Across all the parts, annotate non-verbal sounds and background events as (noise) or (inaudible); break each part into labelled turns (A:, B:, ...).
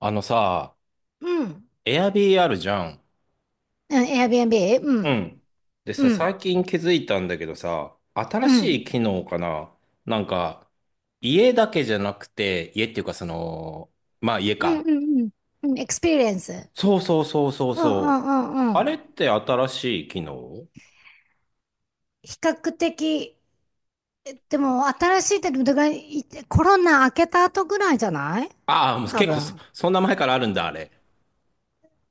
A: あのさ、
B: うん。
A: a i r b あるじゃん。
B: うん、Airbnb? う
A: う
B: ん。
A: ん。でさ、
B: うん。
A: 最近気づいたんだけどさ、新
B: う
A: し
B: ん。
A: い機能かな。なんか、家だけじゃなくて、家っていうかその、まあ家
B: うん
A: か。
B: うんうん。エクスペリエンス。
A: そうそうそうそう
B: うんう
A: そう。
B: んうんう
A: あれっ
B: ん。
A: て新しい機能？
B: 比較的、でも新しいってだからコロナ明けた後ぐらいじゃない？
A: ああ、もう
B: 多
A: 結構そ、
B: 分。
A: そんな前からあるんだ、あれ。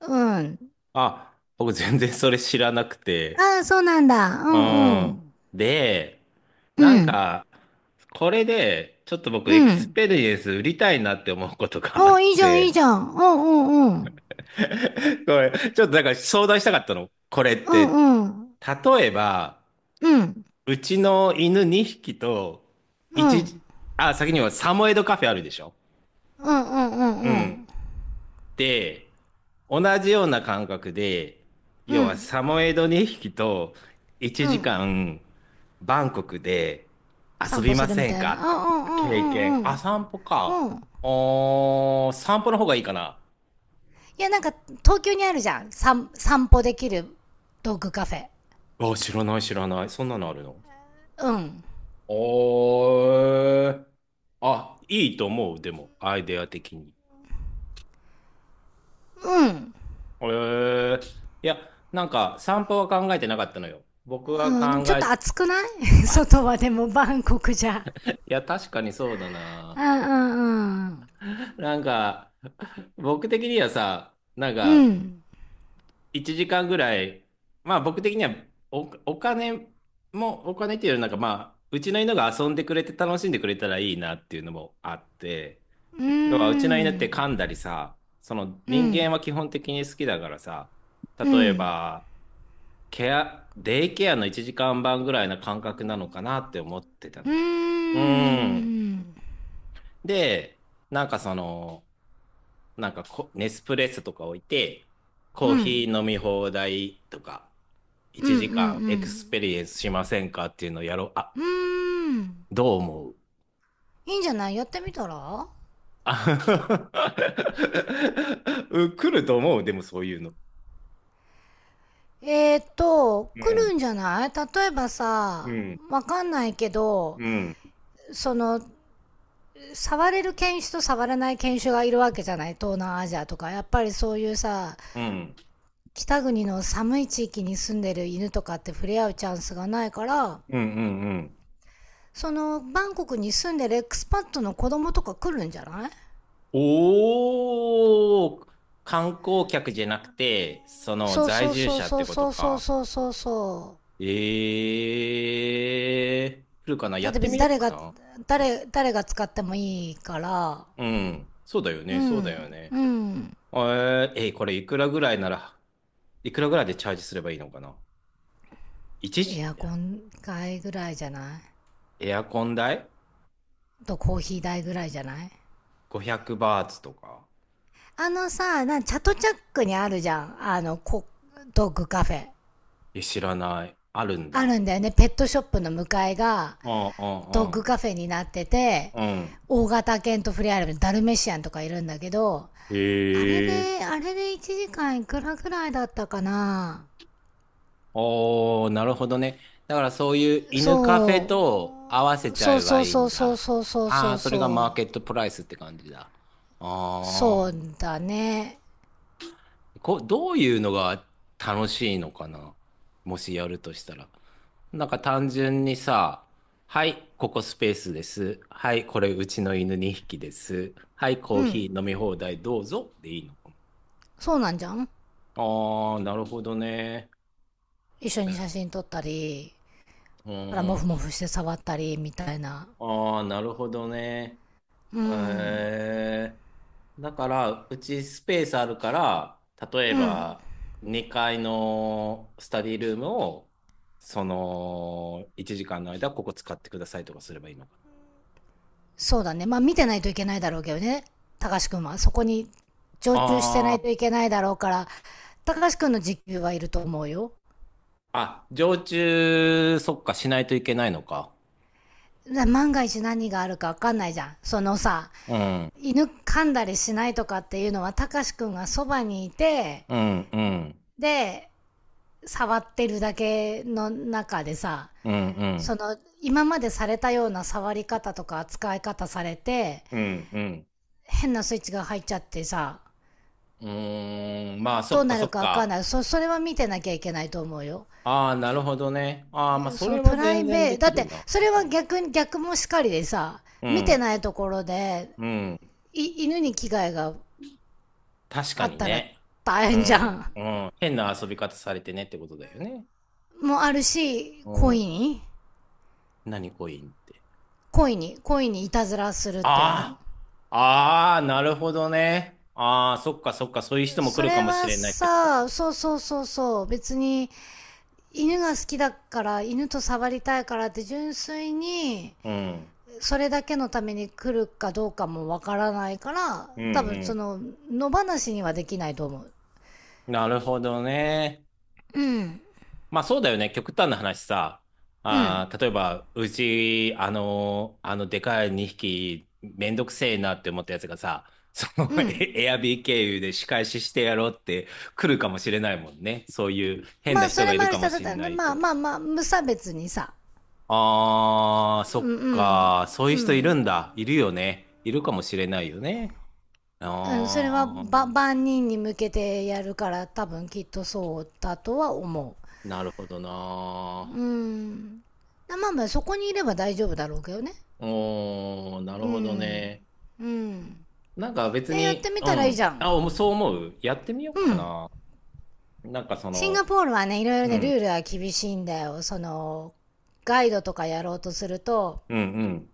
B: うん。
A: あ、僕全然それ知らなくて。
B: ああ、そうなんだ。う
A: う
B: んう
A: ん。
B: ん。
A: で、
B: う
A: なん
B: ん。
A: か、これで、ちょっと僕、
B: う
A: エクス
B: ん。
A: ペリエンス売りたいなって思うことがあ
B: お
A: っ
B: ーいいじゃん、いい
A: て、
B: じゃん。うんうんうん。
A: (laughs) これ、ちょっとなんか相談したかったの。これっ
B: う
A: て、
B: んうん。
A: 例えば、
B: うん。
A: うちの犬2匹と、
B: うん。うん
A: 1、あ、先にはサモエドカフェあるでしょ？
B: うんうん
A: う
B: う
A: ん。
B: ん。
A: で、同じような感覚で、
B: う
A: 要は
B: ん。
A: サモエド2匹と1
B: うん。
A: 時間バンコクで遊
B: 散歩
A: び
B: す
A: ま
B: るみ
A: せん
B: たい
A: か
B: な。
A: っ
B: うんうん
A: て
B: うん
A: 経
B: うん
A: 験。
B: う
A: あ、
B: ん。
A: 散歩か。
B: うん。
A: おー、散歩の方がいいかな。
B: いや、なんか、東京にあるじゃん。散歩できるドッグカフェ。
A: あ、知らない知らない。そんなのあるの？
B: うん。
A: おー。あ、いいと思う。でも、アイデア的に。
B: うん。
A: えー、いや、なんか散歩は考えてなかったのよ。僕が
B: うん、でも
A: 考
B: ちょっ
A: え、
B: と暑くない？ (laughs)
A: あ、
B: 外
A: つ
B: はでもバンコクじゃ。
A: いや、確かにそうだ
B: う
A: な。
B: んうんうん。
A: なんか、僕的にはさ、なん
B: う
A: か、
B: ん。
A: 1時間ぐらい、まあ僕的にはお金も、お金っていうよりなんかまあ、うちの犬が遊んでくれて楽しんでくれたらいいなっていうのもあって、
B: うー
A: 要はうちの犬って
B: ん。
A: 噛んだりさ、その
B: う
A: 人間
B: ん。
A: は基本的に好きだからさ、
B: う
A: 例え
B: ん。
A: ば、ケア、デイケアの1時間半ぐらいな感覚なのかなって思ってた
B: う
A: の。うん。
B: ーん。
A: で、なんかその、なんかこネスプレッソとか置いて、
B: う
A: コーヒ
B: ん。
A: ー飲み放題とか、
B: うんう
A: 1時間エクスペ
B: ん
A: リエンスしませんかっていうのをやろう。あ、
B: うん。うーん。
A: どう思う？
B: いいんじゃない？やってみたら。
A: あ (laughs) うん来ると思う、でもそういうの。う
B: 来
A: ん、
B: るんじゃない？例えば
A: う
B: さ、
A: ん、
B: わかんないけど、
A: うん、
B: その、触れる犬種と触らない犬種がいるわけじゃない？東南アジアとかやっぱりそういうさ、
A: うん、う
B: 北国の寒い地域に住んでる犬とかって触れ合うチャンスがないから、
A: ん、うん、うん。
B: そのバンコクに住んでるエクスパットの子供とか来るんじゃない？
A: おー、観光客じゃなくて、その
B: そう
A: 在
B: そう
A: 住
B: そう
A: 者っ
B: そ
A: て
B: う
A: こと
B: そうそ
A: か。
B: うそうそう、
A: え来るかな
B: だ
A: や
B: っ
A: っ
B: て
A: て
B: 別に
A: みよう
B: 誰
A: か
B: が、
A: な。
B: 誰が使ってもいいから。
A: うん。そうだよ
B: う
A: ね。そうだよ
B: ん
A: ね。
B: うん。
A: これいくらぐらいなら、いくらぐらいでチャージすればいいのかな？一時、
B: エアコン代ぐらいじゃない？
A: エアコン代
B: とコーヒー代ぐらいじゃない？
A: ?500 バーツとか。
B: あのさ、チャトチャックにあるじゃん。あの、ドッグカフェ。
A: え、知らない。あるん
B: あ
A: だ。
B: るんだよね。ペットショップの向かいが、
A: うん
B: ドッ
A: う
B: グ
A: ん
B: カフェになってて、
A: うん。うん。
B: 大型犬と触れ合えるダルメシアンとかいるんだけど、あれ
A: へえ。
B: で、あれで1時間いくらぐらいだったかな。
A: おー、なるほどね。だからそういう犬カフェ
B: そ
A: と合わせ
B: う。
A: ちゃ
B: そう
A: えば
B: そう
A: いい
B: そ
A: ん
B: うそう
A: だ。
B: そうそう
A: あ
B: そ
A: あ、
B: う
A: それがマー
B: そう。
A: ケットプライスって感じだ。あ
B: そうだね。
A: どういうのが楽しいのかな、もしやるとしたら。なんか単純にさ、はい、ここスペースです。はい、これうちの犬2匹です。はい、コー
B: う
A: ヒ
B: ん。
A: ー飲み放題どうぞでいいのか
B: そうなんじゃん。
A: な？ああー、なるほどね。
B: 一緒に写真撮ったり、
A: う
B: から、モ
A: ん。
B: フモフして触ったり、みたいな。
A: ああ、なるほどね。
B: うん。
A: へえ。だから、うちスペースあるから、例え
B: うん。
A: ば2階のスタディルームを、その1時間の間、ここ使ってくださいとかすればいいのかな。
B: そうだね。まあ見てないといけないだろうけどね。高橋くんは。そこに常駐してな
A: あ
B: い
A: あ、
B: といけないだろうから、高橋くんの時給はいると思うよ。
A: あ、常駐、そっか、しないといけないのか。
B: 万が一何があるかわかんないじゃん。そのさ、
A: うん、
B: 犬噛んだりしないとかっていうのは、高橋くんがそばにいて、
A: うん、うん、
B: で、触ってるだけの中でさ、
A: うん、う
B: そ
A: ん、
B: の、今までされたような触り方とか扱い方されて、
A: うん、うん。
B: 変なスイッチが入っちゃってさ、
A: うーん、まあ、そ
B: どう
A: っか、
B: な
A: そ
B: る
A: っ
B: かわかん
A: か。
B: ない。それは見てなきゃいけないと思うよ。
A: ああ、なるほどね。ああ、まあ、そ
B: その
A: れは
B: プラ
A: 全
B: イ
A: 然
B: ベー
A: で
B: ト、だ
A: き
B: っ
A: る
B: て、
A: な。
B: それ
A: う
B: は
A: ん、
B: 逆に、逆もしかりでさ、
A: う
B: 見て
A: ん、
B: ないところで、
A: うん。
B: 犬に危害が
A: 確か
B: あっ
A: に
B: たら
A: ね。
B: 大
A: う
B: 変じゃ
A: ん、
B: ん。
A: うん。変な遊び方されてねってことだよね。
B: もあるし、
A: う
B: 恋
A: ん。
B: に
A: 何コインって。
B: 恋にいたずらするっていうの。
A: ああ、ああ、なるほどね。ああ、そっかそっか、そういう人も来
B: そ
A: るか
B: れ
A: もし
B: は
A: れないってこと
B: さ、
A: か。
B: そうそうそうそう、別に、犬が好きだから、犬と触りたいからって純粋に、
A: うん。
B: それだけのために来るかどうかもわからないから、
A: う
B: 多分
A: ん
B: そ
A: う
B: の、野放しにはできないと思う。
A: ん。なるほどね。
B: うん。
A: まあそうだよね。極端な話さ。
B: うん。
A: あー、例えば、うち、でかい2匹、めんどくせえなって思ったやつがさ、その、
B: う
A: (laughs)
B: ん。
A: エアビー経由で仕返ししてやろうって来るかもしれないもんね。そういう変
B: ま
A: な
B: あ、そ
A: 人
B: れ
A: がい
B: も
A: る
B: ある
A: か
B: し、
A: も
B: た
A: しれ
B: だ
A: ない
B: まあ
A: くて。
B: まあまあ、無差別にさ。
A: あー、
B: う
A: そ
B: ん
A: っ
B: うん。
A: か。そういう
B: う
A: 人いる
B: ん。
A: んだ。いるよね。いるかもしれないよね。
B: うん、それは、
A: あー、
B: 万人に向けてやるから、多分きっとそうだとは思
A: なるほど
B: う。
A: な。
B: うん。まあまあ、そこにいれば大丈夫だろうけどね。
A: おー、な
B: う
A: るほど
B: ん。
A: ね。
B: うん。
A: なんか別
B: え、やって
A: に、
B: み
A: う
B: たらいい
A: ん。
B: じゃん。
A: そう思うやってみようかな。なんかそ
B: シンガ
A: の、
B: ポールはね、いろいろ
A: う
B: ね、ル
A: ん、
B: ールは厳しいんだよ。その、ガイドとかやろうとすると、
A: うん、うん。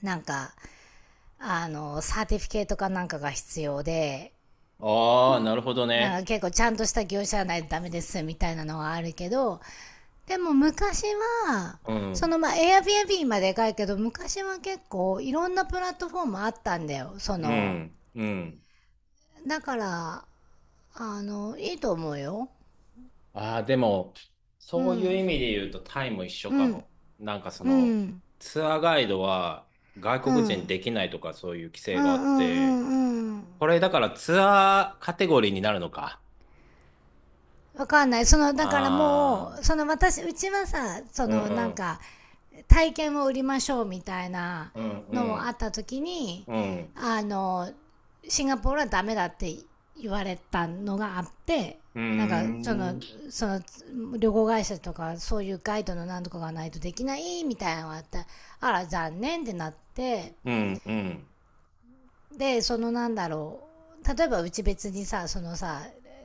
B: なんか、あの、サーティフィケートかなんかが必要で、
A: ああ、なるほど
B: なんか
A: ね。
B: 結構ちゃんとした業者じゃないとダメですみたいなのはあるけど、でも昔は、
A: う
B: そ
A: ん、
B: のまあ Airbnb まででかいけど、昔は結構いろんなプラットフォームあったんだよ。そ
A: う
B: の、
A: ん、うん。
B: だから、あの、いいと思うよ。
A: ああ、でも、
B: う
A: そういう意
B: ん、
A: 味で言うとタイも一緒
B: う
A: か
B: ん、
A: も。なんかそ
B: う
A: の、
B: ん、
A: ツアーガイドは
B: う
A: 外
B: ん、
A: 国
B: う
A: 人で
B: ん、
A: きないとかそういう規
B: う
A: 制があ
B: ん、う
A: って、
B: ん、うん。
A: これだからツアーカテゴリーになるのか。
B: わかんない。その、だから
A: あ
B: もう、
A: あ、
B: その私、うちはさ、そ
A: う
B: のなん
A: ん、
B: か、体験を売りましょうみたいな
A: うん、う
B: のもあ
A: ん、
B: った時に、
A: うん、
B: あの、シンガポールはダメだって言われたのがあって、
A: う
B: なんか、そ
A: ん、
B: の、
A: うん、
B: その、旅行会社とか、そういうガイドのなんとかがないとできないみたいなのがあって、あら、残念ってなって、
A: うん。うん
B: でそのなんだろう、例えばうち別にさ、そのさ、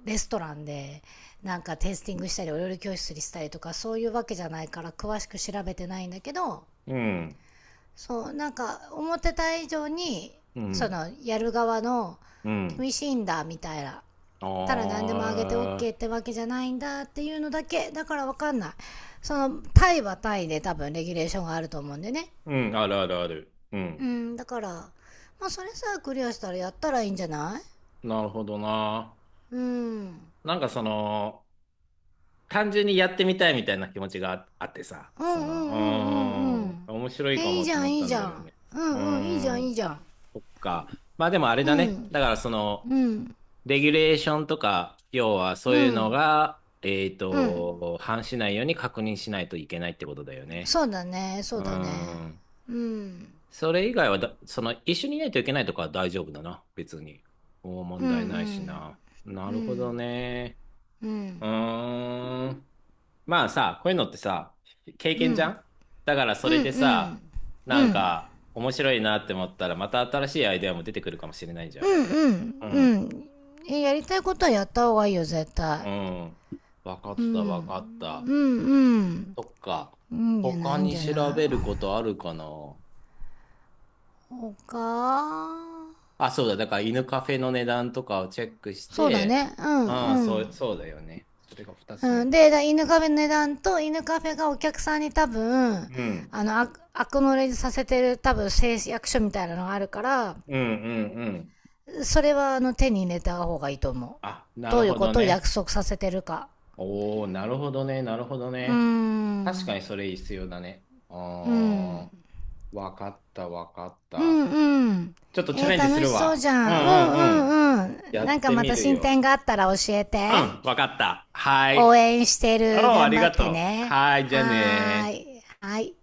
B: レストランでなんかテイスティングしたりお料理教室にしたりとかそういうわけじゃないから詳しく調べてないんだけど、
A: うん、
B: そうなんか思ってた以上に
A: う
B: そ
A: ん、
B: のやる側の
A: うん。
B: 厳しいんだみたいな、ただ何でもあげて
A: ああ、
B: OK ってわけじゃないんだっていうのだけだからわかんない。そのタイはタイで多分レギュレーションがあると思うんでね。
A: うん、あるあるある。う
B: う
A: ん。
B: ん、だからまあそれさえクリアしたらやったらいいんじゃない？
A: なるほどな。
B: うん。うん
A: なんかその、単純にやってみたいみたいな気持ちがああってさ、
B: うん
A: そ
B: うんうんう
A: の、うー
B: ん。
A: ん、面白いか
B: え、い
A: も
B: い
A: っ
B: じ
A: て
B: ゃ
A: 思
B: ん、
A: っ
B: い
A: た
B: いじ
A: んだ
B: ゃ
A: よ
B: ん。
A: ね。
B: う
A: うー
B: んうん、いいじゃん、い
A: ん、
B: いじゃん。
A: そっか。まあでもあれ
B: う
A: だね。
B: ん、
A: だからその、
B: うん、
A: レギュレーションとか、要はそう
B: う
A: いうの
B: ん、
A: が、
B: うん。
A: 反しないように確認しないといけないってことだよね。
B: そうだね、そ
A: うー
B: うだね。
A: ん。
B: うん、
A: それ以外はだ、その、一緒にいないといけないとかは大丈夫だな、別に。もう
B: う
A: 問
B: ん、う
A: 題ないし
B: ん、
A: な。な
B: う
A: るほど
B: ん、
A: ね。
B: う
A: う
B: ん、
A: ーん。まあさ、こういうのってさ、経
B: う
A: 験じゃ
B: ん、
A: ん。だからそ
B: う
A: れ
B: ん、
A: で
B: う
A: さ、
B: ん、
A: な
B: う
A: ん
B: ん、
A: か、面白いなって思ったら、また新しいアイデアも出てくるかもしれないじゃん。
B: うん、
A: うん。
B: うん。え、やりたいことはやった方がいいよ、絶
A: う
B: 対。
A: ん。わかっ
B: う
A: た、わ
B: ん、
A: かった。
B: うん、うん。
A: そっか。
B: いいんじゃない、
A: 他
B: いいん
A: に
B: じゃな
A: 調べるこ
B: い。
A: とあるかな？
B: 他、
A: あ、そうだ。だから犬カフェの値段とかをチェックし
B: そうだ
A: て、
B: ね、うん、
A: ああ、
B: う
A: そう、
B: ん。
A: そうだよね。それが二つ目
B: うん、
A: だ。
B: で、犬カフェの値段と、犬カフェがお客さんに多分、
A: うん。
B: あの、アクノレージさせてる多分誓約書みたいなのがあるから、
A: うんうんうん。
B: それはあの手に入れた方がいいと思
A: あ、
B: う。
A: な
B: ど
A: る
B: ういう
A: ほ
B: こ
A: ど
B: とを
A: ね。
B: 約束させてるか。
A: おお、なるほどね、なるほど
B: うー
A: ね。確か
B: ん。
A: にそれ必要だね。
B: うん。
A: ああ、わかった、わかっ
B: うん
A: た。
B: うん。
A: ちょっとチ
B: え
A: ャ
B: ー、
A: レンジす
B: 楽し
A: る
B: そうじ
A: わ。うん
B: ゃん。う
A: うんう
B: んう
A: ん。
B: んうん。
A: や
B: なん
A: っ
B: か
A: て
B: ま
A: み
B: た
A: る
B: 進
A: よ。
B: 展があったら教え
A: う
B: て。
A: ん、わかった。は
B: 応
A: い。
B: 援して
A: お
B: る。
A: お、あ
B: 頑
A: り
B: 張
A: が
B: って
A: とう。
B: ね。
A: はい、じゃあ
B: はー
A: ね。
B: い。はい。